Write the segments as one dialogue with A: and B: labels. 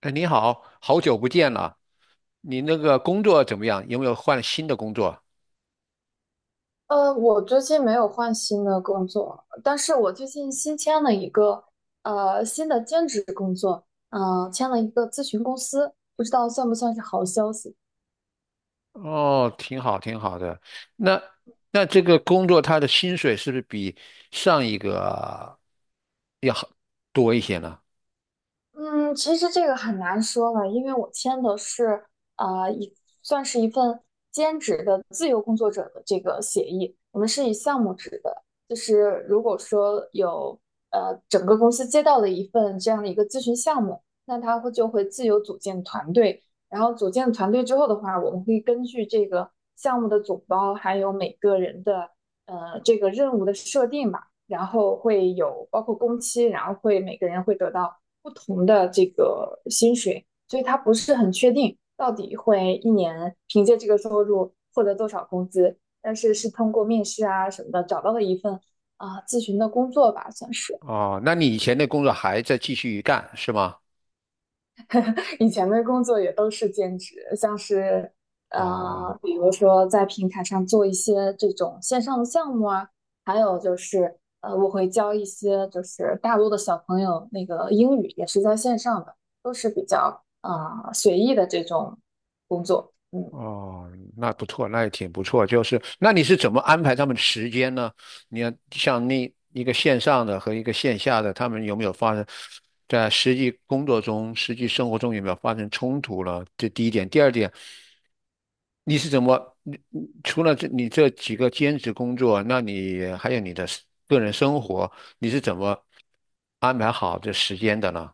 A: 哎，你好，好久不见了，你那个工作怎么样？有没有换新的工作？
B: 我最近没有换新的工作，但是我最近新签了一个新的兼职工作。签了一个咨询公司，不知道算不算是好消息？
A: 哦，挺好，挺好的。那这个工作他的薪水是不是比上一个要好多一些呢？
B: 嗯，其实这个很难说了，因为我签的是呃一算是一份兼职的自由工作者的这个协议。我们是以项目制的，就是如果说有整个公司接到了一份这样的一个咨询项目，那他就会自由组建团队。然后组建团队之后的话，我们会根据这个项目的总包，还有每个人的这个任务的设定吧。然后会有包括工期，然后会每个人会得到不同的这个薪水。所以他不是很确定到底会一年凭借这个收入获得多少工资，但是是通过面试啊什么的找到了一份咨询的工作吧，算是。
A: 哦，那你以前的工作还在继续干是吗？
B: 以前的工作也都是兼职，像是
A: 哦。
B: 比如说在平台上做一些这种线上的项目啊。还有就是我会教一些就是大陆的小朋友那个英语，也是在线上的，都是比较随意的这种工作。嗯，
A: 哦，那不错，那也挺不错。就是，那你是怎么安排他们时间呢？你要像那一个线上的和一个线下的，他们有没有发生在实际工作中、实际生活中有没有发生冲突了？这第一点。第二点，你是怎么，你除了这你这几个兼职工作，那你还有你的个人生活，你是怎么安排好这时间的呢？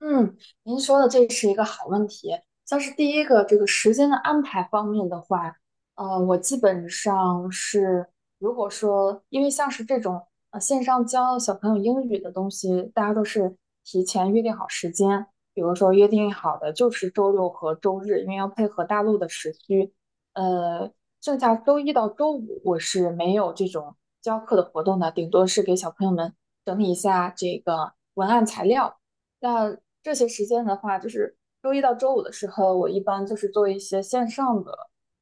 B: 嗯，您说的这是一个好问题。像是第一个这个时间的安排方面的话，我基本上是，如果说因为像是这种线上教小朋友英语的东西，大家都是提前约定好时间。比如说约定好的就是周六和周日，因为要配合大陆的时区。呃，剩下周一到周五我是没有这种教课的活动的，顶多是给小朋友们整理一下这个文案材料。那这些时间的话，就是周一到周五的时候，我一般就是做一些线上的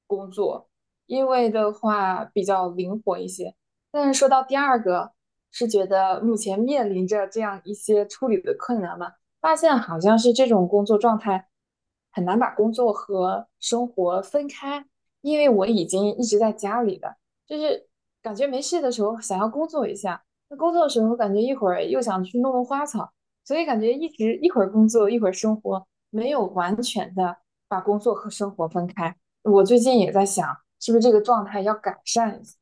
B: 工作，因为的话比较灵活一些。但是说到第二个，是觉得目前面临着这样一些处理的困难嘛。发现好像是这种工作状态很难把工作和生活分开，因为我已经一直在家里了。就是感觉没事的时候想要工作一下，那工作的时候感觉一会儿又想去弄弄花草。所以感觉一直一会儿工作一会儿生活，没有完全的把工作和生活分开。我最近也在想，是不是这个状态要改善一下？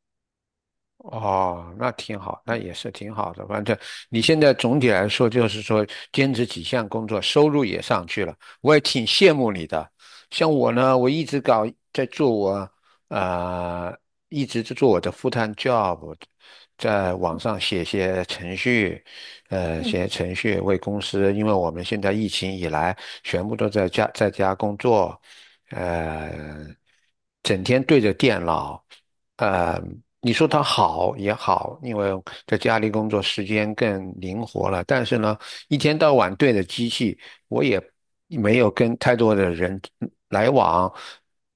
A: 哦，那挺好，那也是挺好的。反正你现在总体来说，就是说兼职几项工作，收入也上去了，我也挺羡慕你的。像我呢，我一直搞在做我呃，一直在做我的 full-time job，在网上写些程序，
B: 嗯。
A: 写程序为公司，因为我们现在疫情以来，全部都在家工作，呃，整天对着电脑。呃，你说它好也好，因为在家里工作时间更灵活了。但是呢，一天到晚对着机器，我也没有跟太多的人来往，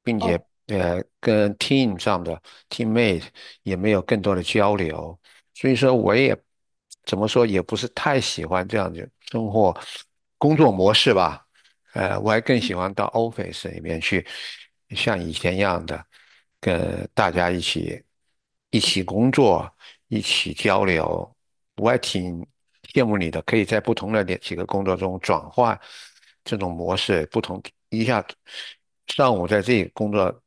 A: 并且
B: 哦。
A: 跟 team 上的 teammate 也没有更多的交流。所以说，我也怎么说，也不是太喜欢这样的生活工作模式吧。我还更喜欢到 office 里面去，像以前一样的，跟大家一起工作，一起交流。我还挺羡慕你的，可以在不同的两几个工作中转换这种模式，不同一下上午在这个工作，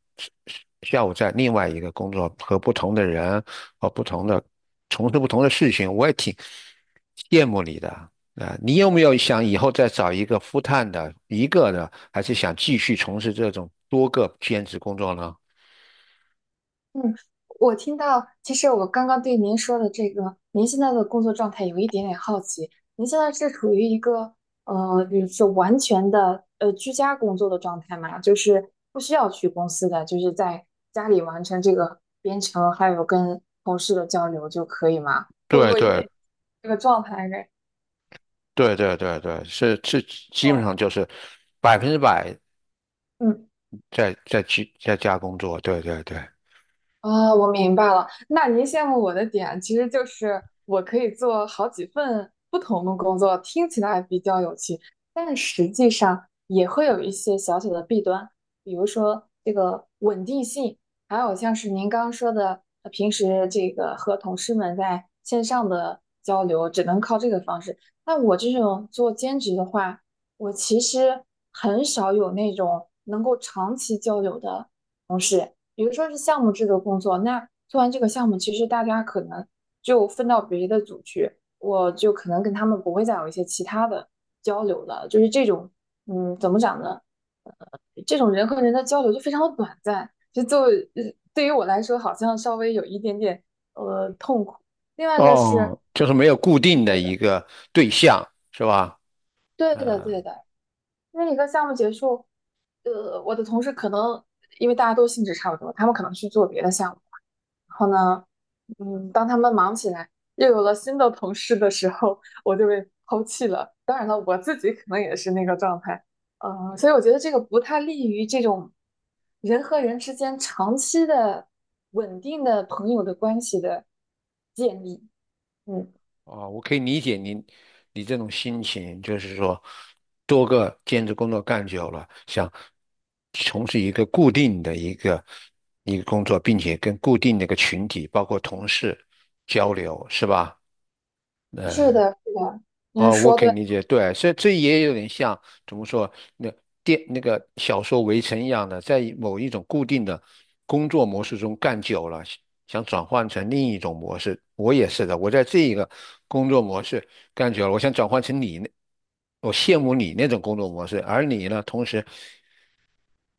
A: 下午在另外一个工作，和不同的人和不同的从事不同的事情，我也挺羡慕你的。啊，你有没有想以后再找一个 f 探的一个呢，还是想继续从事这种多个兼职工作呢？
B: 嗯，我听到，其实我刚刚对您说的这个，您现在的工作状态有一点点好奇。您现在是处于一个比如说完全的居家工作的状态吗？就是不需要去公司的，就是在家里完成这个编程，还有跟同事的交流就可以吗？我
A: 对
B: 我有
A: 对
B: 点这个状态应该。
A: 对对对对，是是，基本
B: 哦。
A: 上就是百分之百
B: 嗯。
A: 在家工作，对对对，
B: 啊，我明白了。那您羡慕我的点，其实就是我可以做好几份不同的工作，听起来比较有趣，但是实际上也会有一些小小的弊端。比如说这个稳定性，还有像是您刚刚说的，平时这个和同事们在线上的交流，只能靠这个方式。那我这种做兼职的话，我其实很少有那种能够长期交流的同事。比如说是项目制的工作，那做完这个项目，其实大家可能就分到别的组去，我就可能跟他们不会再有一些其他的交流了。就是这种，嗯，怎么讲呢？呃这种人和人的交流就非常的短暂，就 对于我来说，好像稍微有一点点痛苦。另外就是，
A: 哦，就是没有固定的
B: 对
A: 一
B: 的，
A: 个对象，是吧？
B: 对的，
A: 嗯。
B: 对的。因为一个项目结束，我的同事可能因为大家都性质差不多，他们可能去做别的项目。然后呢，嗯，当他们忙起来，又有了新的同事的时候，我就被抛弃了。当然了，我自己可能也是那个状态。嗯，所以我觉得这个不太利于这种人和人之间长期的稳定的朋友的关系的建立。嗯，
A: 哦，我可以理解您，你这种心情，就是说，多个兼职工作干久了，想从事一个固定的一个工作，并且跟固定的一个群体，包括同事交流，是吧？
B: 是
A: 呃，
B: 的，是的，您
A: 哦，我
B: 说
A: 可以
B: 对。
A: 理解，对，所以这也有点像怎么说，那那个小说《围城》一样的，在某一种固定的工作模式中干久了，想转换成另一种模式。我也是的，我在这一个工作模式干久了，我想转换成你那，我羡慕你那种工作模式，而你呢，同时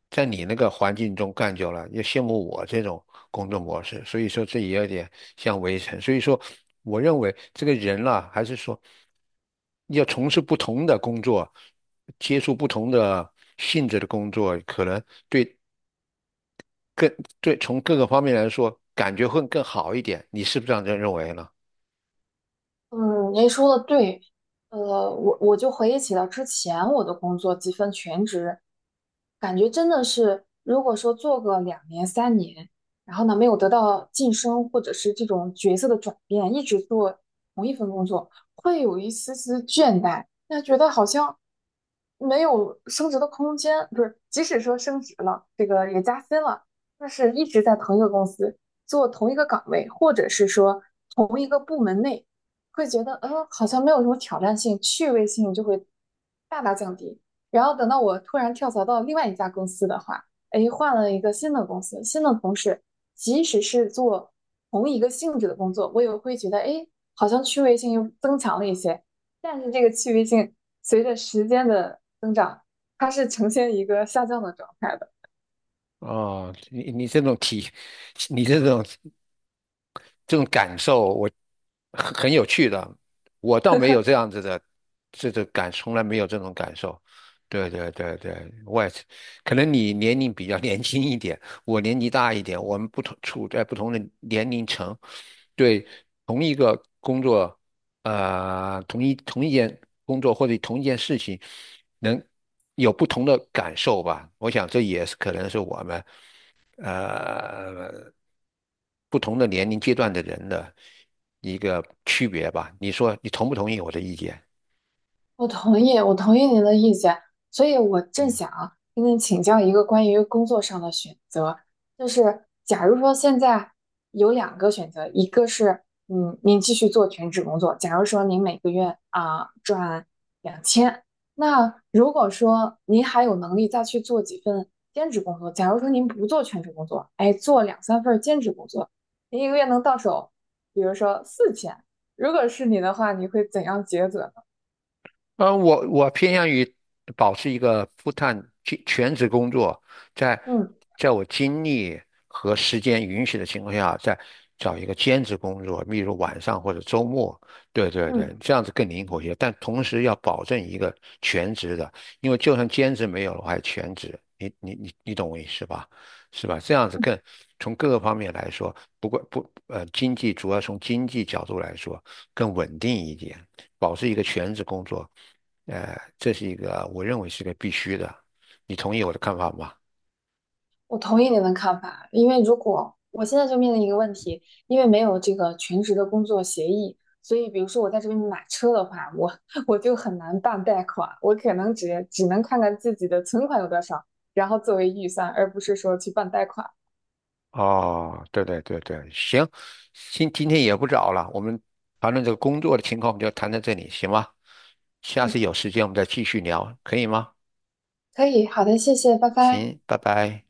A: 在你那个环境中干久了，也羡慕我这种工作模式。所以说，这也有点像围城。所以说，我认为这个人啦，还是说要从事不同的工作，接触不同的性质的工作，可能对更对从各个方面来说，感觉会更好一点。你是不是这样认为呢？
B: 嗯，您说的对。呃，我就回忆起了之前我的工作，几份全职。感觉真的是，如果说做个2年、3年，然后呢没有得到晋升或者是这种角色的转变，一直做同一份工作，会有一丝丝倦怠。那觉得好像没有升职的空间，不是，即使说升职了，这个也加薪了，但是一直在同一个公司做同一个岗位，或者是说同一个部门内，会觉得好像没有什么挑战性，趣味性就会大大降低。然后等到我突然跳槽到另外一家公司的话，哎，换了一个新的公司，新的同事，即使是做同一个性质的工作，我也会觉得，哎，好像趣味性又增强了一些。但是这个趣味性随着时间的增长，它是呈现一个下降的状态的。
A: 哦，你这种感受，我很有趣的。我倒没有这样子的，这种感，从来没有这种感受。对对对对，我也是，可能你年龄比较 年轻一点，我年纪大一点，我们不同处在不同的年龄层，对同一个工作，呃，同一件工作或者同一件事情，能有不同的感受吧。我想这也是可能是我们。呃不同的年龄阶段的人的一个区别吧。你说你同不同意我的意见？
B: 我同意您的意见。所以我正
A: 嗯。
B: 想跟您请教一个关于工作上的选择，就是假如说现在有两个选择，一个是您继续做全职工作，假如说您每个月啊挣2000。那如果说您还有能力再去做几份兼职工作，假如说您不做全职工作，哎，做两三份兼职工作，您一个月能到手，比如说4000，如果是你的话，你会怎样抉择呢？
A: 我偏向于保持一个 全职工作，在
B: 嗯
A: 在我精力和时间允许的情况下，再找一个兼职工作，例如晚上或者周末。对对对，
B: 嗯。
A: 这样子更灵活一些，但同时要保证一个全职的，因为就算兼职没有了，我还全职。你懂我意思吧？是吧？这样子更从各个方面来说，不过不呃，经济主要从经济角度来说更稳定一点。保持一个全职工作，这是一个我认为是个必须的。你同意我的看法吗？
B: 我同意您的看法，因为如果我现在就面临一个问题，因为没有这个全职的工作协议。所以比如说我在这边买车的话，我 我就很难办贷款。我可能只能看看自己的存款有多少，然后作为预算，而不是说去办贷款。
A: 哦，对对对对，行，今天也不早了，我们谈论这个工作的情况，我们就谈到这里，行吗？下次
B: 嗯，
A: 有时间我们再继续聊，可以吗？
B: 可以，好的，谢谢，拜拜。
A: 行，拜拜。